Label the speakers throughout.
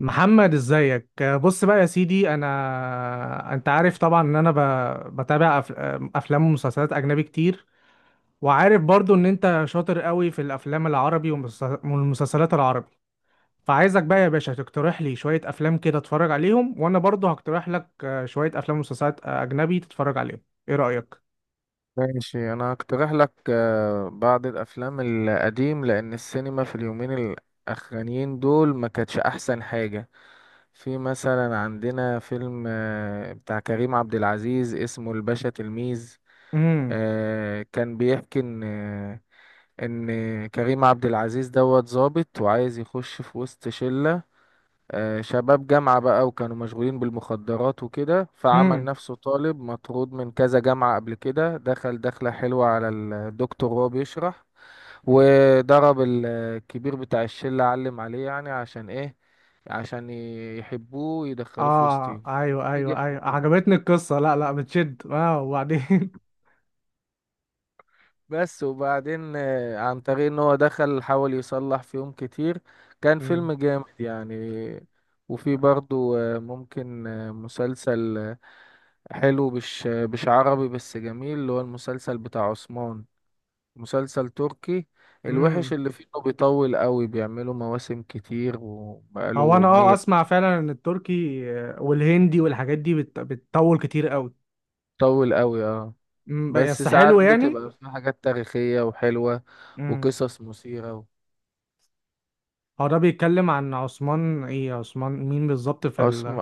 Speaker 1: محمد، ازيك؟ بص بقى يا سيدي، انت عارف طبعا ان انا بتابع افلام ومسلسلات اجنبي كتير. وعارف برضو ان انت شاطر قوي في الافلام العربي والمسلسلات العربي. فعايزك بقى يا باشا تقترح لي شوية افلام كده اتفرج عليهم، وانا برضو هقترح لك شوية افلام ومسلسلات اجنبي تتفرج عليهم. ايه رأيك؟
Speaker 2: ماشي، انا هقترح لك بعض الافلام القديم، لان السينما في اليومين الاخرانيين دول ما كانتش احسن حاجة. في مثلا عندنا فيلم بتاع كريم عبد العزيز اسمه الباشا تلميذ.
Speaker 1: امم.
Speaker 2: كان بيحكي ان كريم عبد العزيز دوت ظابط وعايز يخش في وسط شلة شباب جامعة بقى، وكانوا مشغولين بالمخدرات وكده، فعمل
Speaker 1: امم.
Speaker 2: نفسه طالب مطرود من كذا جامعة قبل كده. دخل دخلة حلوة على الدكتور وهو بيشرح، وضرب الكبير بتاع الشلة، علم عليه يعني. عشان ايه؟ عشان يحبوه ويدخلوه في
Speaker 1: اه،
Speaker 2: وسطهم.
Speaker 1: ايوه، ايوه،
Speaker 2: نجح في
Speaker 1: ايوه،
Speaker 2: كده
Speaker 1: عجبتني القصة. لا، لا بتشد. اه، وبعدين؟
Speaker 2: بس، وبعدين عن طريق ان هو دخل حاول يصلح فيهم كتير. كان فيلم جامد يعني. وفي برضو ممكن مسلسل حلو، مش عربي بس جميل، اللي هو المسلسل بتاع عثمان. مسلسل تركي، الوحش
Speaker 1: امم.
Speaker 2: اللي فيه انه بيطول قوي، بيعملوا مواسم كتير
Speaker 1: هو
Speaker 2: وبقاله
Speaker 1: انا
Speaker 2: مية.
Speaker 1: اسمع فعلا ان التركي والهندي والحاجات دي بتطول كتير قوي.
Speaker 2: بيطول قوي، اه. بس
Speaker 1: بس
Speaker 2: ساعات
Speaker 1: حلو يعني.
Speaker 2: بتبقى في حاجات تاريخية وحلوة،
Speaker 1: امم.
Speaker 2: وقصص مثيرة.
Speaker 1: هو ده بيتكلم عن عثمان؟ ايه، عثمان مين بالظبط في
Speaker 2: عثم-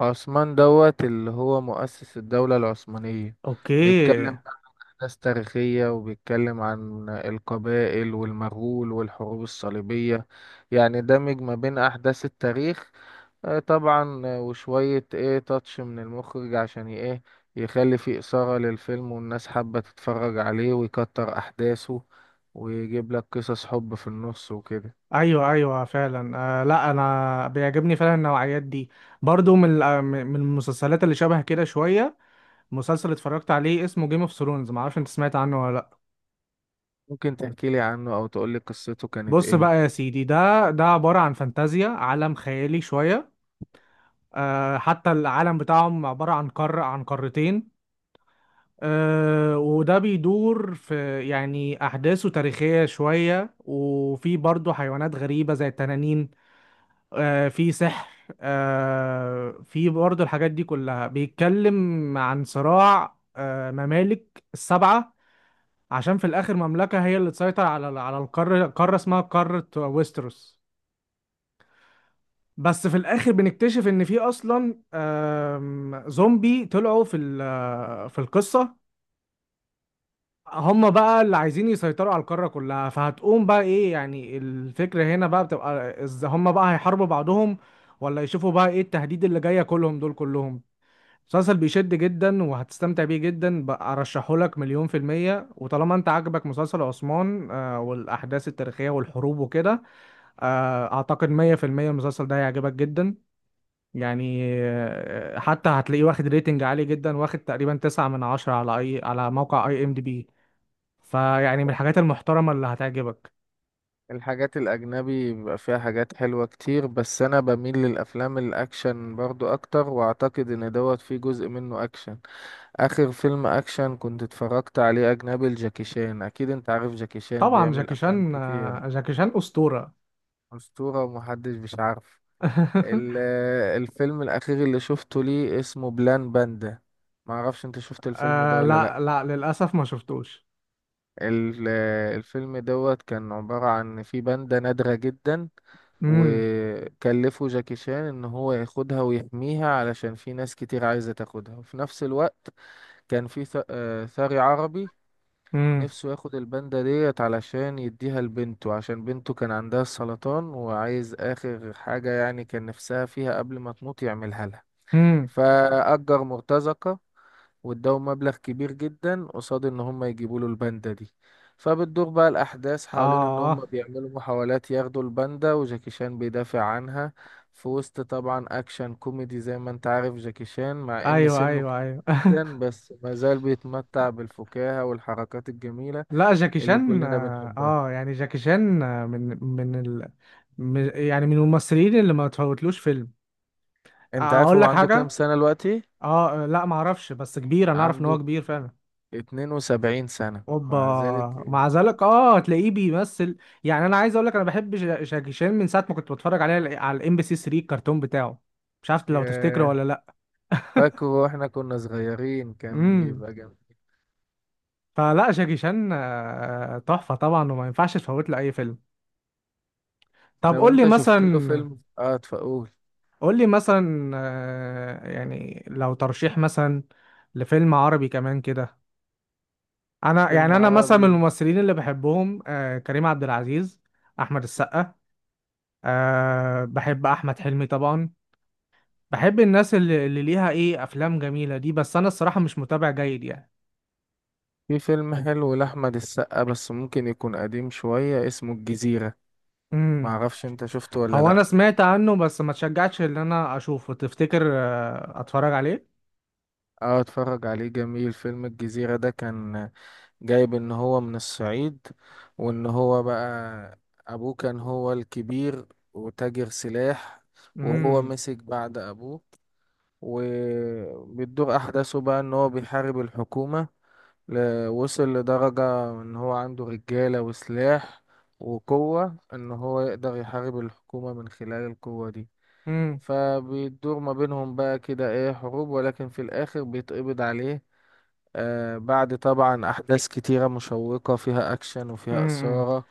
Speaker 2: عثمان دوت اللي هو مؤسس الدولة العثمانية.
Speaker 1: اوكي.
Speaker 2: بيتكلم عن أحداث تاريخية، وبيتكلم عن القبائل والمغول والحروب الصليبية. يعني دمج ما بين أحداث التاريخ طبعا، وشوية ايه تاتش من المخرج عشان ايه يخلي فيه إثارة للفيلم، والناس حابة تتفرج عليه، ويكتر أحداثه، ويجيب لك قصص حب في النص وكده.
Speaker 1: ايوه، ايوه، فعلا. لا، انا بيعجبني فعلا النوعيات دي. برضو من المسلسلات اللي شبه كده شويه. مسلسل اتفرجت عليه اسمه جيم اوف ثرونز، معرفش انت سمعت عنه ولا لا؟
Speaker 2: ممكن تحكيلي عنه أو تقولي قصته كانت
Speaker 1: بص
Speaker 2: ايه؟
Speaker 1: بقى يا سيدي، ده عباره عن فانتازيا، عالم خيالي شويه. حتى العالم بتاعهم عبارة عن قارة، عن قارتين. وده بيدور في، يعني أحداثه تاريخية شوية، وفي برضه حيوانات غريبة زي التنانين. في سحر. في برضه الحاجات دي كلها. بيتكلم عن صراع ممالك السبعة، عشان في الآخر مملكة هي اللي تسيطر على القارة، قارة اسمها قارة ويستروس. بس في الاخر بنكتشف ان في اصلا زومبي طلعوا في القصه. هم بقى اللي عايزين يسيطروا على القاره كلها. فهتقوم بقى ايه؟ يعني الفكره هنا بقى بتبقى هم بقى هيحاربوا بعضهم، ولا يشوفوا بقى ايه التهديد اللي جايه كلهم، دول كلهم. مسلسل بيشد جدا، وهتستمتع بيه جدا. بقى ارشحه لك مليون في المية. وطالما انت عاجبك مسلسل عثمان والاحداث التاريخية والحروب وكده، اعتقد 100% المسلسل ده هيعجبك جدا. يعني حتى هتلاقيه واخد ريتنج عالي جدا، واخد تقريبا 9/10 على على موقع IMDb. فيعني من الحاجات المحترمة اللي هتعجبك.
Speaker 2: الحاجات الأجنبي بيبقى فيها حاجات حلوة كتير، بس أنا بميل للأفلام الأكشن برضو أكتر، وأعتقد إن دوت فيه جزء منه أكشن. آخر فيلم أكشن كنت اتفرجت عليه أجنبي لجاكي شان. أكيد أنت عارف جاكي شان
Speaker 1: طبعا
Speaker 2: بيعمل
Speaker 1: جاكي
Speaker 2: أفلام
Speaker 1: شان
Speaker 2: كتير.
Speaker 1: جاكي شان أسطورة.
Speaker 2: أسطورة، ومحدش مش عارف. الفيلم الأخير اللي شفته ليه اسمه بلان باندا. معرفش أنت شفت الفيلم ده ولا لأ.
Speaker 1: لا، لا، للأسف ما شفتوش.
Speaker 2: ال- الفيلم دوت كان عبارة عن في باندا نادرة جدا.
Speaker 1: امم.
Speaker 2: وكلفوا جاكي شان ان هو ياخدها ويحميها، علشان في ناس كتير عايزة تاخدها. وفي نفس الوقت كان في ثري عربي
Speaker 1: امم.
Speaker 2: نفسه ياخد الباندا ديت علشان يديها لبنته، عشان بنته كان عندها السرطان وعايز اخر حاجة يعني كان نفسها فيها قبل ما تموت يعملها لها.
Speaker 1: امم.
Speaker 2: فأجر مرتزقة واداهم مبلغ كبير جدا قصاد ان هم يجيبوا له الباندا دي. فبتدور بقى الاحداث حوالين ان هم
Speaker 1: اه،
Speaker 2: بيعملوا محاولات ياخدوا الباندا، وجاكي شان بيدافع عنها في وسط طبعا اكشن كوميدي، زي ما انت عارف جاكي شان، مع ان
Speaker 1: ايوه،
Speaker 2: سنه كبير
Speaker 1: ايوه، ايوه.
Speaker 2: جدا بس ما زال بيتمتع بالفكاهة والحركات الجميلة
Speaker 1: لا، جاكي
Speaker 2: اللي
Speaker 1: شان
Speaker 2: كلنا بنحبها.
Speaker 1: يعني جاكي شان من يعني من الممثلين اللي ما تفوتلوش فيلم.
Speaker 2: انت عارف
Speaker 1: اقول
Speaker 2: هو
Speaker 1: لك
Speaker 2: عنده كام
Speaker 1: حاجة،
Speaker 2: سنة دلوقتي؟
Speaker 1: اه لا، معرفش، بس كبير. انا اعرف ان هو
Speaker 2: عنده
Speaker 1: كبير فعلا.
Speaker 2: 72 سنة
Speaker 1: اوبا.
Speaker 2: مع ذلك.
Speaker 1: ومع ذلك هتلاقيه بيمثل. يعني انا عايز اقول لك، انا بحب شاكي شان من ساعه ما كنت بتفرج عليه على MBC 3، الكرتون بتاعه. مش عارف لو تفتكره
Speaker 2: ياه،
Speaker 1: ولا لا؟
Speaker 2: فاكره واحنا كنا صغيرين كان
Speaker 1: امم.
Speaker 2: بيبقى جميل.
Speaker 1: فلا، شاكي شان تحفه طبعا، وما ينفعش تفوت له اي فيلم. طب
Speaker 2: لو
Speaker 1: قول لي
Speaker 2: انت شفت له
Speaker 1: مثلا،
Speaker 2: فيلم اه تقول.
Speaker 1: قول لي مثلا يعني لو ترشيح مثلا لفيلم عربي كمان كده. يعني
Speaker 2: فيلم
Speaker 1: انا مثلا من
Speaker 2: عربي.
Speaker 1: الممثلين اللي بحبهم كريم عبد العزيز، احمد السقا. بحب احمد حلمي طبعا. بحب الناس اللي ليها ايه افلام جميله دي. بس انا الصراحه مش متابع جيد يعني.
Speaker 2: في فيلم حلو لأحمد السقا بس ممكن يكون قديم شوية، اسمه الجزيرة.
Speaker 1: امم.
Speaker 2: معرفش انت شفته ولا
Speaker 1: هو انا
Speaker 2: لأ.
Speaker 1: سمعت عنه بس ما تشجعتش ان انا اشوفه. تفتكر اتفرج عليه؟
Speaker 2: اه، اتفرج عليه، جميل. فيلم الجزيرة ده كان جايب ان هو من الصعيد، وان هو بقى ابوه كان هو الكبير وتاجر سلاح، وهو
Speaker 1: امم.
Speaker 2: مسك بعد ابوه. وبتدور احداثه بقى ان هو بيحارب الحكومة. وصل لدرجة إن هو عنده رجالة وسلاح وقوة، إن هو يقدر يحارب الحكومة من خلال القوة دي.
Speaker 1: امم.
Speaker 2: فبيدور ما بينهم بقى كده إيه، حروب، ولكن في الآخر بيتقبض عليه، بعد طبعا أحداث كتيرة مشوقة فيها أكشن وفيها
Speaker 1: امم.
Speaker 2: إثارة،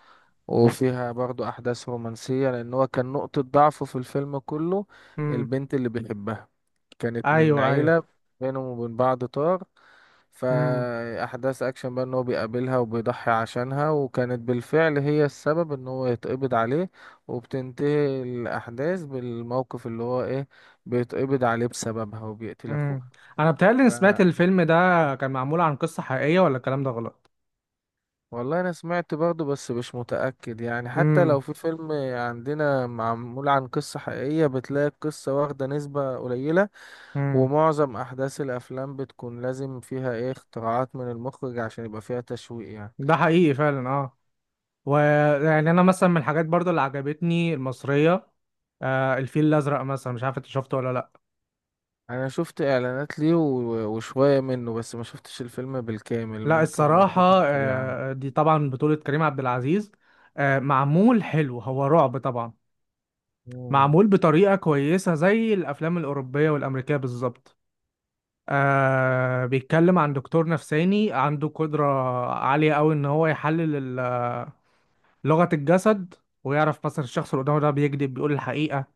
Speaker 2: وفيها برضو أحداث رومانسية، لأن هو كان نقطة ضعفه في الفيلم كله
Speaker 1: امم.
Speaker 2: البنت اللي بيحبها. كانت من
Speaker 1: ايوه، ايوه.
Speaker 2: عيلة بينهم وبين بعض طار،
Speaker 1: امم.
Speaker 2: فأحداث أكشن بقى إن هو بيقابلها وبيضحي عشانها، وكانت بالفعل هي السبب إن هو يتقبض عليه. وبتنتهي الأحداث بالموقف اللي هو إيه، بيتقبض عليه بسببها وبيقتل
Speaker 1: امم.
Speaker 2: أخوها.
Speaker 1: انا بتهيألي اني
Speaker 2: ف...
Speaker 1: سمعت الفيلم ده كان معمول عن قصه حقيقيه، ولا الكلام ده غلط؟
Speaker 2: والله أنا سمعت برضه بس مش متأكد يعني. حتى لو
Speaker 1: امم.
Speaker 2: في فيلم عندنا معمول عن قصة حقيقية، بتلاقي القصة واخدة نسبة قليلة،
Speaker 1: امم.
Speaker 2: ومعظم احداث الافلام بتكون لازم فيها ايه اختراعات من المخرج عشان يبقى فيها تشويق يعني.
Speaker 1: ده حقيقي فعلا، اه. ويعني انا مثلا من الحاجات برضو اللي عجبتني المصريه، الفيل الازرق مثلا. مش عارف انت شفته ولا لا؟
Speaker 2: انا شفت اعلانات ليه وشوية منه، بس ما شفتش الفيلم بالكامل.
Speaker 1: لا،
Speaker 2: ممكن
Speaker 1: الصراحه
Speaker 2: برضه تحكي لي عنه.
Speaker 1: دي طبعا بطوله كريم عبد العزيز. معمول حلو، هو رعب طبعا.
Speaker 2: مم.
Speaker 1: معمول بطريقه كويسه زي الافلام الاوروبيه والامريكيه بالظبط. بيتكلم عن دكتور نفساني عنده قدره عاليه قوي ان هو يحلل لغه الجسد، ويعرف مثلا الشخص اللي قدامه ده بيكذب بيقول الحقيقه.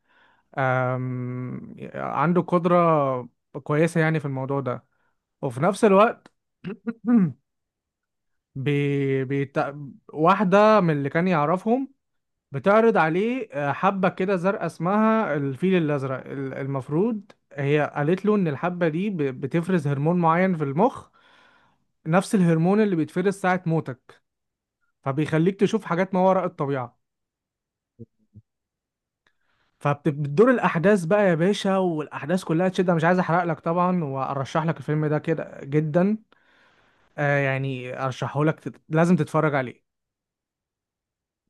Speaker 1: عنده قدرة كويسة يعني في الموضوع ده. وفي نفس الوقت بي بيت... واحدة من اللي كان يعرفهم بتعرض عليه حبة كده زرقاء اسمها الفيل الأزرق. المفروض هي قالت له إن الحبة دي بتفرز هرمون معين في المخ، نفس الهرمون اللي بيتفرز ساعة موتك، فبيخليك تشوف حاجات ما وراء الطبيعة. فبتدور الأحداث بقى يا باشا، والأحداث كلها تشد. أنا مش عايز أحرق لك طبعا، وأرشح لك الفيلم ده كده جدا. يعني ارشحه لك، لازم تتفرج عليه.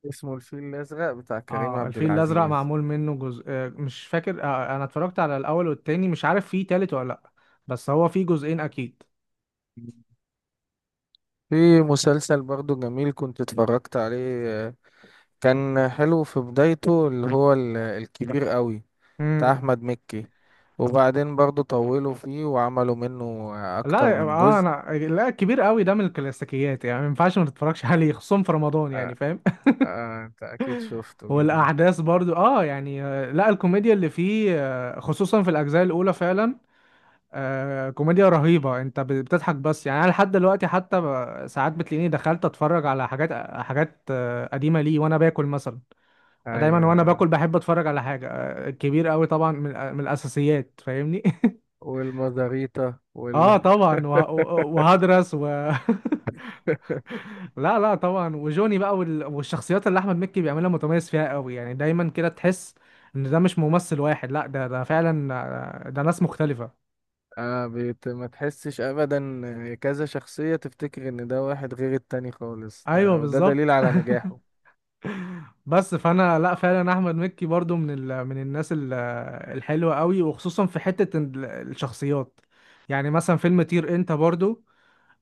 Speaker 2: اسمه الفيل الازرق بتاع كريم
Speaker 1: اه،
Speaker 2: عبد
Speaker 1: الفيل الازرق
Speaker 2: العزيز.
Speaker 1: معمول منه جزء. مش فاكر. انا اتفرجت على الاول والتاني، مش عارف فيه تالت ولا لا. بس هو فيه جزئين اكيد.
Speaker 2: في مسلسل برضه جميل كنت اتفرجت عليه، كان حلو في بدايته، اللي هو الكبير قوي بتاع
Speaker 1: امم.
Speaker 2: احمد مكي. وبعدين برضه طولوا فيه وعملوا منه اكتر
Speaker 1: لا،
Speaker 2: من جزء.
Speaker 1: انا لا، كبير قوي ده من الكلاسيكيات، يعني ما ينفعش ما تتفرجش عليه خصوصا في رمضان، يعني فاهم؟
Speaker 2: آه، انت اكيد شفته، جميل.
Speaker 1: والاحداث برضو، يعني لا، الكوميديا اللي فيه خصوصا في الاجزاء الاولى فعلا. كوميديا رهيبة. انت بتضحك، بس يعني انا لحد دلوقتي حتى ساعات بتلاقيني دخلت اتفرج على حاجات قديمة لي وانا باكل مثلا. دايما وانا
Speaker 2: ايوه،
Speaker 1: باكل بحب اتفرج على حاجة كبير قوي طبعا، من الاساسيات، فاهمني؟
Speaker 2: والمزاريطة
Speaker 1: اه
Speaker 2: وال
Speaker 1: طبعا، وهدرس، و لا، لا، طبعا، وجوني بقى والشخصيات اللي احمد مكي بيعملها متميز فيها قوي، يعني دايما كده تحس ان ده مش ممثل واحد، لا ده فعلا ده ناس مختلفة.
Speaker 2: ما تحسش ابدا كذا شخصية، تفتكر ان ده واحد غير التاني خالص،
Speaker 1: ايوه،
Speaker 2: وده دليل
Speaker 1: بالظبط.
Speaker 2: على نجاحه.
Speaker 1: بس فانا، لا فعلا، احمد مكي برضو من الناس الحلوه قوي، وخصوصا في حته الشخصيات. يعني مثلا فيلم طير انت برضو،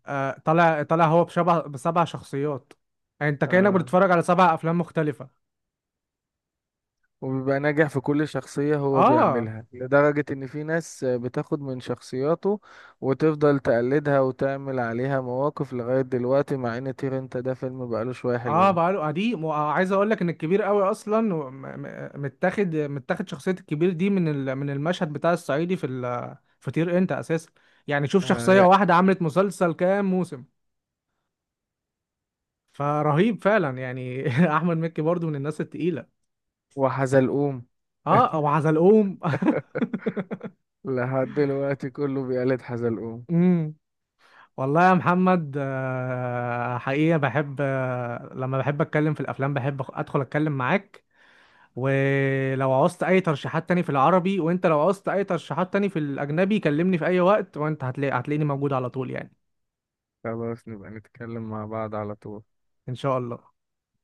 Speaker 1: طالع طالع. هو بشبه بسبع شخصيات، يعني انت كانك
Speaker 2: آه
Speaker 1: بتتفرج على 7 افلام مختلفه.
Speaker 2: وبيبقى ناجح في كل شخصية هو
Speaker 1: اه،
Speaker 2: بيعملها، لدرجة ان في ناس بتاخد من شخصياته وتفضل تقلدها وتعمل عليها مواقف لغاية دلوقتي، مع ان طير انت ده فيلم بقاله شوية
Speaker 1: اه،
Speaker 2: حلوين.
Speaker 1: بقاله قديم. وعايز اقول لك ان الكبير قوي اصلا متاخد شخصيه الكبير دي من المشهد بتاع الصعيدي في طير انت اساسا. يعني شوف،
Speaker 2: آه
Speaker 1: شخصيه
Speaker 2: يا-
Speaker 1: واحده عملت مسلسل كام موسم. فرهيب فعلا يعني. احمد مكي برضو من الناس التقيله.
Speaker 2: وحزلقوم.
Speaker 1: اه، او حزلقوم.
Speaker 2: لحد دلوقتي كله بيقلد حزلقوم.
Speaker 1: امم. والله يا محمد حقيقه بحب لما بحب اتكلم في الافلام بحب ادخل اتكلم معاك. ولو عوزت اي ترشيحات تاني في العربي، وانت لو عوزت اي ترشيحات تاني في الاجنبي، كلمني في اي وقت، وانت هتلاقيني موجود على طول يعني.
Speaker 2: خلاص، نبقى نتكلم مع بعض على طول.
Speaker 1: ان شاء الله.